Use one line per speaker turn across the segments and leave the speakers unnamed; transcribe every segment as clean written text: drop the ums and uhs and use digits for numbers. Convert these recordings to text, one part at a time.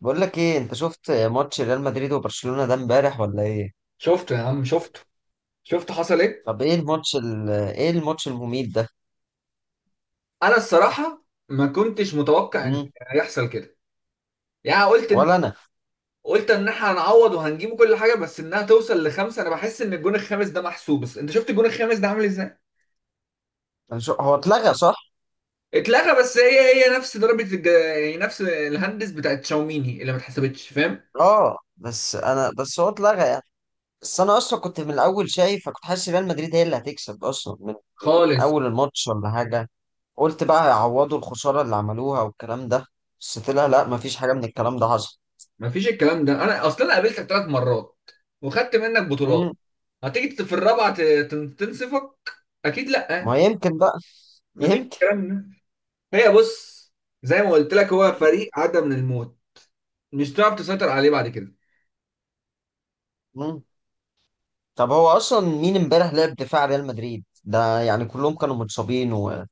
بقول لك ايه، انت شفت ماتش ريال مدريد وبرشلونة ده امبارح ولا ايه؟
شفته يا عم شفته. شفت حصل ايه.
طب ايه الماتش ايه الماتش المميت ده؟
انا الصراحه ما كنتش متوقع ان
مم.
هيحصل كده. يعني قلت ان
ولا انا.
قلت ان احنا هنعوض وهنجيبه كل حاجه بس انها توصل لخمسه. انا بحس ان الجون الخامس ده محسوب بس انت شفت الجون الخامس ده عامل ازاي.
هو اتلغى صح؟
اتلغى، بس هي نفس يعني نفس الهندس بتاعت شاوميني اللي ما اتحسبتش. فاهم.
اه بس انا هو اتلغى يعني. بس انا اصلا كنت من الاول شايف، كنت حاسس ريال مدريد هي اللي هتكسب اصلا من
خالص.
اول الماتش ولا حاجة. قلت بقى هيعوضوا الخسارة اللي عملوها والكلام ده، بس طلع لا، مفيش حاجة من الكلام ده حصل.
ما فيش الكلام ده، انا اصلا قابلتك 3 مرات وخدت منك بطولات.
مم.
هتيجي في الرابعه تنصفك؟ اكيد لا.
ما يمكن بقى،
ما فيش
يمكن.
الكلام ده. هي بص، زي ما قلت لك هو فريق عدى من الموت، مش هتعرف تسيطر عليه بعد كده.
مم. طب هو اصلا مين امبارح لعب دفاع ريال مدريد ده؟ يعني كلهم كانوا متصابين، ويعني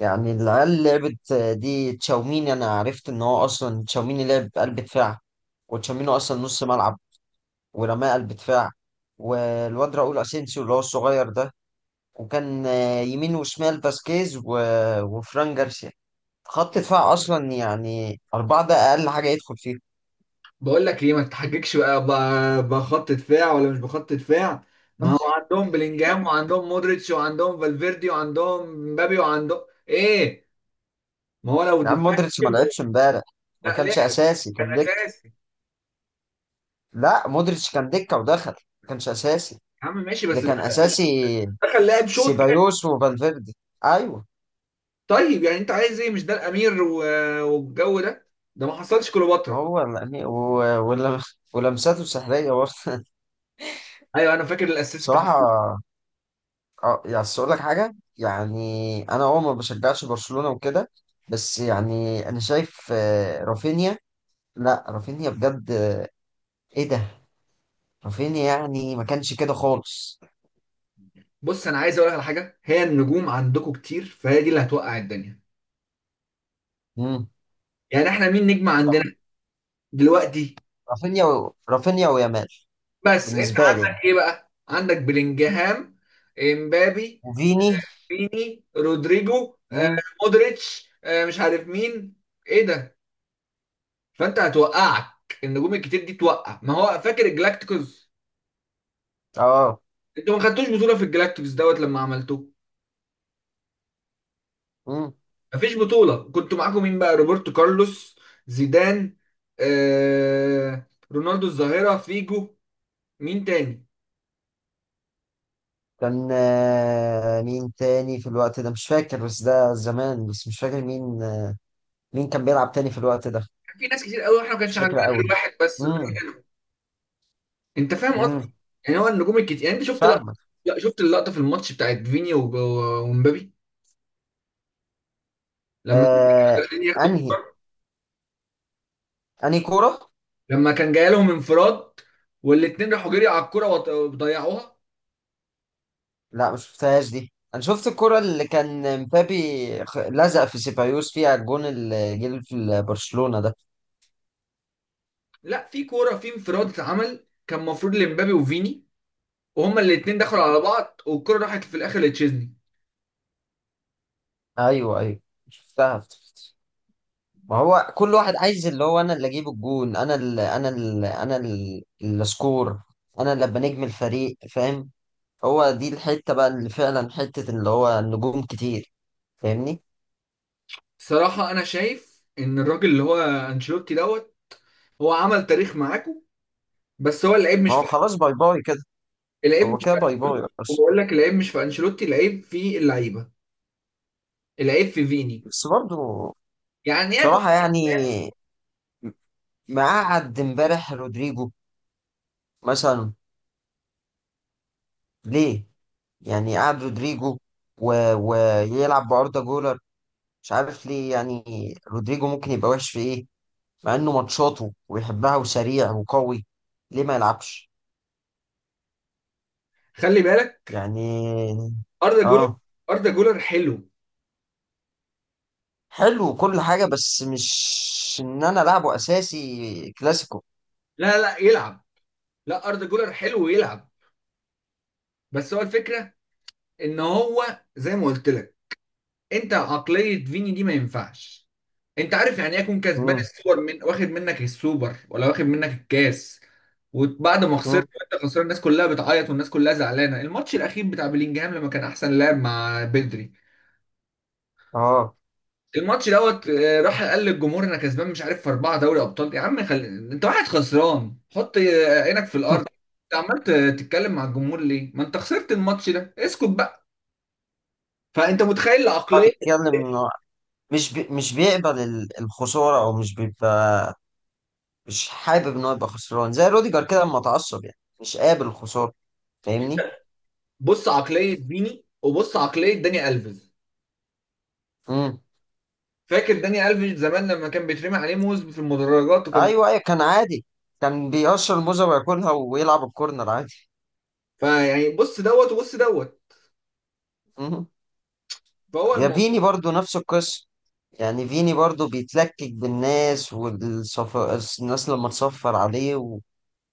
العيال اللي لعبت دي تشاوميني. انا عرفت ان هو اصلا تشاوميني لعب قلب دفاع، وتشاوميني اصلا نص ملعب ورماه قلب دفاع. والواد راؤول اسينسيو اللي هو الصغير ده، وكان يمين وشمال فاسكيز وفران جارسيا. خط دفاع اصلا يعني اربعه ده اقل حاجه يدخل فيه.
بقول لك ليه ما تتحججش بقى بخط دفاع ولا مش بخط دفاع. ما هو عندهم بلينجهام وعندهم مودريتش وعندهم فالفيردي وعندهم مبابي وعندهم ايه. ما هو لو
يا عم
الدفاع
مودريتش ما
كان جول،
لعبش امبارح. ما
لا لا
كانش اساسي،
كان
كان دكه.
اساسي يا
لا، مودريتش كان دكة ودخل. ما كانش أساسي.
عم. ماشي
اللي
بس ده
كان أساسي
دخل لاعب شوط كده.
سيبايوس وفالفيردي. أيوه.
طيب يعني انت عايز ايه؟ مش ده الامير والجو ده؟ ده ما حصلش كليوباترا.
هو يعني ولمساته سحرية برضه.
ايوه، انا فاكر الاسيست.
بصراحة. يعني أصل أقول لك حاجة يعني، أنا ما بشجعش برشلونة وكده. بس يعني أنا شايف رافينيا. لا رافينيا بجد. إيه ده؟ رافينيا يعني ما كانش كده خالص.
بص، انا عايز اقول لك على حاجه، هي النجوم عندكم كتير فهي دي اللي هتوقع الدنيا.
مم.
يعني احنا مين نجم عندنا دلوقتي؟
رافينيا ويامال.
بس انت
بالنسبة لي يعني.
عندك ايه بقى؟ عندك بلينجهام، امبابي،
وفيني.
فيني، رودريجو،
مم.
مودريتش، مش عارف مين، ايه ده. فانت هتوقعك النجوم الكتير دي توقع، ما هو فاكر الجلاكتيكوس.
أه.
انتوا ما خدتوش بطوله في الجلاكتيكوس دوت لما عملتوه.
مم.
مفيش بطوله. كنتوا معاكم مين بقى؟ روبرتو كارلوس، زيدان، آه رونالدو الظاهره، فيجو. مين تاني؟
كان مين تاني في الوقت ده؟ مش فاكر، بس ده زمان بس مش فاكر مين. مين كان بيلعب تاني في الوقت ده؟
كان في ناس كتير قوي، واحنا ما
مش
كانش عندنا
فاكر
غير
قوي.
واحد بس اللي هو
امم.
انت فاهم قصدي؟
امم.
يعني هو النجوم الكتير. يعني انت شفت لقطه؟
فاهمك.
لا، شفت اللقطه في الماتش بتاعت فيني ومبابي؟ لما كان فيني
آه.
داخلين ياخدوا
انهي؟
الكرة؟
انهي كورة؟
لما كان جاي لهم انفراد والاثنين راحوا جري على الكوره وضيعوها.
لا، مش شفتهاش دي. انا شفت الكورة اللي كان مبابي لزق في سيبايوس فيها، الجون اللي جه في برشلونة ده.
لا، في كوره، في انفراد اتعمل كان المفروض لمبابي وفيني، وهما الاثنين دخلوا على
مم.
بعض والكوره راحت في الاخر لتشيزني.
ايوه، ايوه، شفتها افتكرت. ما هو كل واحد عايز، اللي هو انا اللي اجيب الجون، انا اللي اسكور، انا اللي ابقى نجم الفريق، فاهم؟ هو دي الحته بقى اللي فعلا حته اللي هو النجوم كتير. فاهمني؟
صراحه انا شايف ان الراجل اللي هو انشيلوتي دوت هو عمل تاريخ معاكم، بس هو اللعيب
ما
مش
هو خلاص، باي باي كده.
العيب
هو
مش
كده باي
في.
باي بس.
وبقول لك العيب مش في انشيلوتي، العيب في اللعيبه، العيب في فيني.
بس برضه.
يعني ايه
بصراحه يعني، ما قعد امبارح رودريجو مثلا ليه؟ يعني قعد رودريجو ويلعب باردا جولر؟ مش عارف ليه يعني. رودريجو ممكن يبقى وحش في ايه؟ مع انه ماتشاته وبيحبها وسريع وقوي، ليه ما يلعبش
خلي بالك
يعني؟
اردا جولر
اه.
اردا جولر حلو.
حلو وكل حاجه، بس مش ان انا لعبه اساسي كلاسيكو.
لا لا، يلعب. لا، اردا جولر حلو ويلعب. بس هو الفكره، ان هو زي ما قلت لك، انت عقليه فيني دي ما ينفعش. انت عارف يعني ايه يكون كسبان
مم.
السوبر، من واخد منك السوبر ولا واخد منك الكاس، وبعد ما خسرت
مم.
وانت خسران الناس كلها بتعيط والناس كلها زعلانه، الماتش الاخير بتاع بلينجهام لما كان احسن لاعب مع بدري،
اه.
الماتش دوت راح قال للجمهور انا كسبان مش عارف في اربعه دوري ابطال؟ يا عم خلي، انت واحد خسران، حط عينك في الارض. انت عمال تتكلم مع الجمهور ليه؟ ما انت خسرت الماتش ده، اسكت بقى. فانت متخيل
هو
العقليه.
بيتكلم انه مش بيقبل الخساره، او مش بيبقى، مش حابب ان هو يبقى خسران. زي روديجر كده لما اتعصب، يعني مش قابل الخساره. فاهمني؟
بص عقليه فيني وبص عقليه داني الفيز.
امم.
فاكر داني الفيز زمان لما كان بيترمي عليه موز في المدرجات وكان.
ايوه، ايوه، كان عادي. كان بيقشر الموزه وياكلها ويلعب الكورنر عادي.
فيعني بص دوت وبص دوت،
مم.
فهو
يا
الموضوع.
فيني برضو نفس القصة. يعني فيني برضو بيتلكك بالناس، والصفر الناس لما تصفر عليه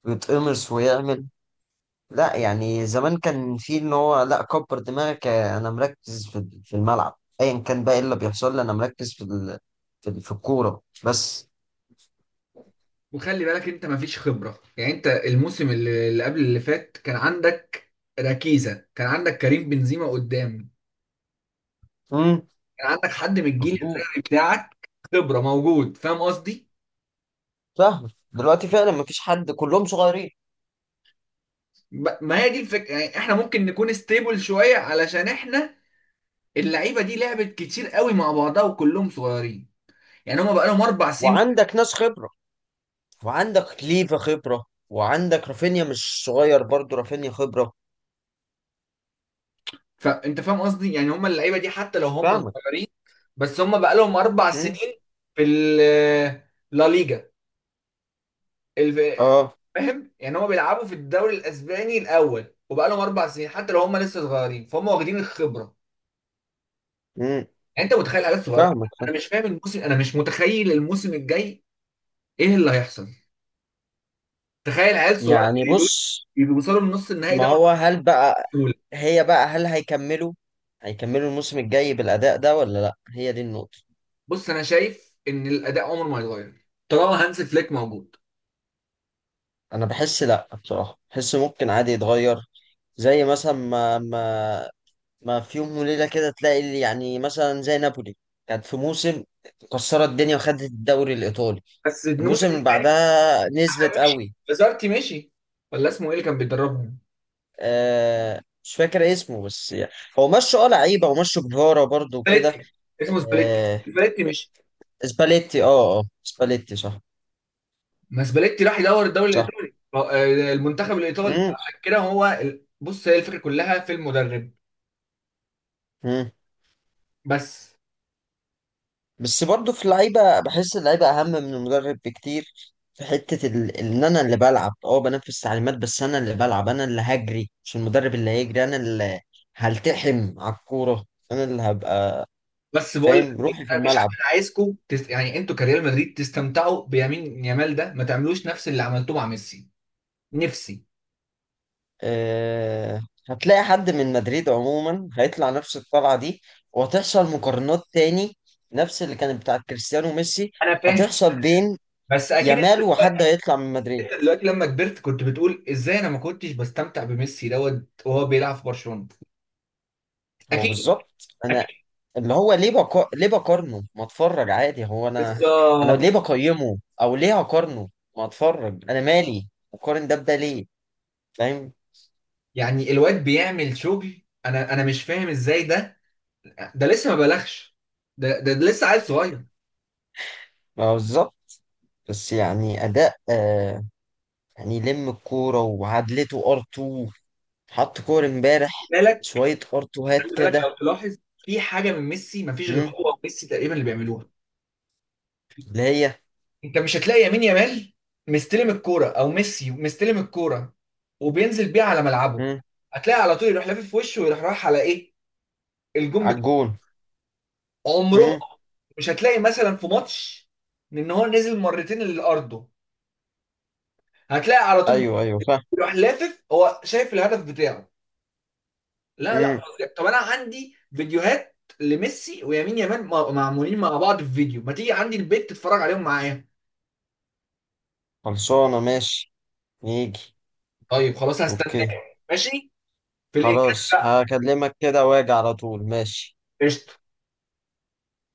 ويتقمص ويعمل. لا يعني زمان كان في ان هو لا، كبر دماغك انا مركز في الملعب، ايا كان بقى ايه اللي بيحصل لي، انا مركز في الكورة بس.
وخلي بالك انت مفيش خبره. يعني انت الموسم اللي قبل اللي فات كان عندك ركيزة، كان عندك كريم بنزيما قدام،
امم.
كان عندك حد من الجيل
مظبوط.
الذهبي بتاعك، خبره موجود. فاهم قصدي؟
فاهم. دلوقتي فعلا مفيش حد، كلهم صغيرين.
ما هي دي الفكره. يعني احنا ممكن نكون ستيبل شويه، علشان احنا اللعيبه دي لعبت كتير قوي مع بعضها وكلهم صغيرين، يعني هم بقى لهم 4 سنين.
وعندك ناس خبرة، وعندك ليفا خبرة، وعندك رافينيا مش صغير برضو، رافينيا خبرة.
فانت فاهم قصدي؟ يعني هم اللعيبه دي حتى لو هم
فاهمك.
صغيرين بس هم بقى لهم 4 سنين في لا ليجا ال-
اه.
فاهم. يعني هم بيلعبوا في الدوري الاسباني الاول وبقى لهم 4 سنين، حتى لو هم لسه صغيرين فهم واخدين الخبره.
امم.
يعني انت متخيل عيال صغيره؟
فاهمك. فاهم.
انا مش متخيل الموسم الجاي، ايه اللي هيحصل؟ تخيل عيال صغيره
يعني
زي دول
بص،
يوصلوا لنص النهائي
ما
دوري
هو هل بقى،
البطوله.
هي بقى هل هيكملوا؟ هيكملوا الموسم الجاي بالأداء ده ولا لا؟ هي دي النقطة.
بص انا شايف ان الاداء عمره ما يتغير طالما هانز فليك موجود.
انا بحس لا، بصراحة بحس ممكن عادي يتغير. زي مثلا ما في يوم وليلة كده تلاقي اللي، يعني مثلا زي نابولي، كانت في موسم كسرت الدنيا وخدت الدوري الإيطالي،
بس الموسم
الموسم اللي
الجاي،
بعدها
عشان
نزلت
مشي
قوي.
بازارتي. مشي ولا اسمه ايه اللي كان بيدربهم؟
مش فاكر اسمه بس يعني. هو مشوا لعيبة ومشوا جفارة برضه وكده.
سباليتي. اسمه سباليتي.
آه،
سباليتي مشي.
سباليتي سباليتي صح.
ما سباليتي راح يدور الدوري
صح
الايطالي، المنتخب الايطالي،
مم.
عشان كده هو بص، هي الفكره كلها في المدرب.
مم.
بس
بس برضو في اللعيبة، بحس اللعيبة أهم من المدرب بكتير. في حتة إن أنا اللي بلعب، بنفذ تعليمات، بس أنا اللي بلعب، أنا اللي هجري مش المدرب اللي هيجري، أنا اللي هلتحم على الكورة، أنا اللي هبقى.
بس بقول لك
فاهم
إيه،
روحي في
انا مش
الملعب.
انا عايزكم يعني انتوا كريال مدريد تستمتعوا بيمين يامال ده، ما تعملوش نفس اللي عملتوه مع ميسي. نفسي.
أه... هتلاقي حد من مدريد عموما هيطلع نفس الطلعة دي، وهتحصل مقارنات تاني نفس اللي كانت بتاعت كريستيانو وميسي،
انا فاهم
هتحصل بين
بس اكيد.
يامال وحد هيطلع من مدريد.
انت دلوقتي لما كبرت كنت بتقول ازاي انا ما كنتش بستمتع بميسي دوت وهو بيلعب في برشلونة؟
هو
اكيد،
بالظبط انا،
اكيد.
اللي هو ليه بقارنه؟ ما اتفرج عادي. هو انا، انا
بالظبط.
ليه بقيمه او ليه هقارنه؟ ما اتفرج، انا مالي؟ اقارن ده بده ليه؟ فاهم؟
يعني الواد بيعمل شغل، انا مش فاهم ازاي ده، ده لسه ما بلغش، ده لسه عيل صغير.
ما هو بالظبط. بس يعني اداء. يعني لم الكوره وعدلته ار 2، حط كور امبارح
بالك
شويه ار 2 هات
خلي بالك
كده.
لو تلاحظ في حاجه من ميسي، ما فيش غير
مم،
هو وميسي تقريبا اللي بيعملوها.
اللي هي،
انت مش هتلاقي يمين يامال مستلم الكوره او ميسي مستلم الكوره وبينزل بيها على ملعبه.
مم،
هتلاقي على طول يروح لافف في وشه ويروح رايح على ايه، الجون
على الجون،
عمره.
مم،
مش هتلاقي مثلا في ماتش ان هو نزل مرتين لارضه، هتلاقي على طول
ايوه، ايوه، فاهم.
بيروح لافف هو شايف الهدف بتاعه. لا لا،
مم.
فظيع. طب انا عندي فيديوهات لميسي ويمين يامال معمولين مع بعض في فيديو، ما تيجي عندي البيت تتفرج عليهم معايا؟
خلصانه، ماشي. يجي.
طيب خلاص، هستناك
اوكي.
ماشي. في الإنجاز.
خلاص هكلمك كده واجي على طول، ماشي.
قشطة.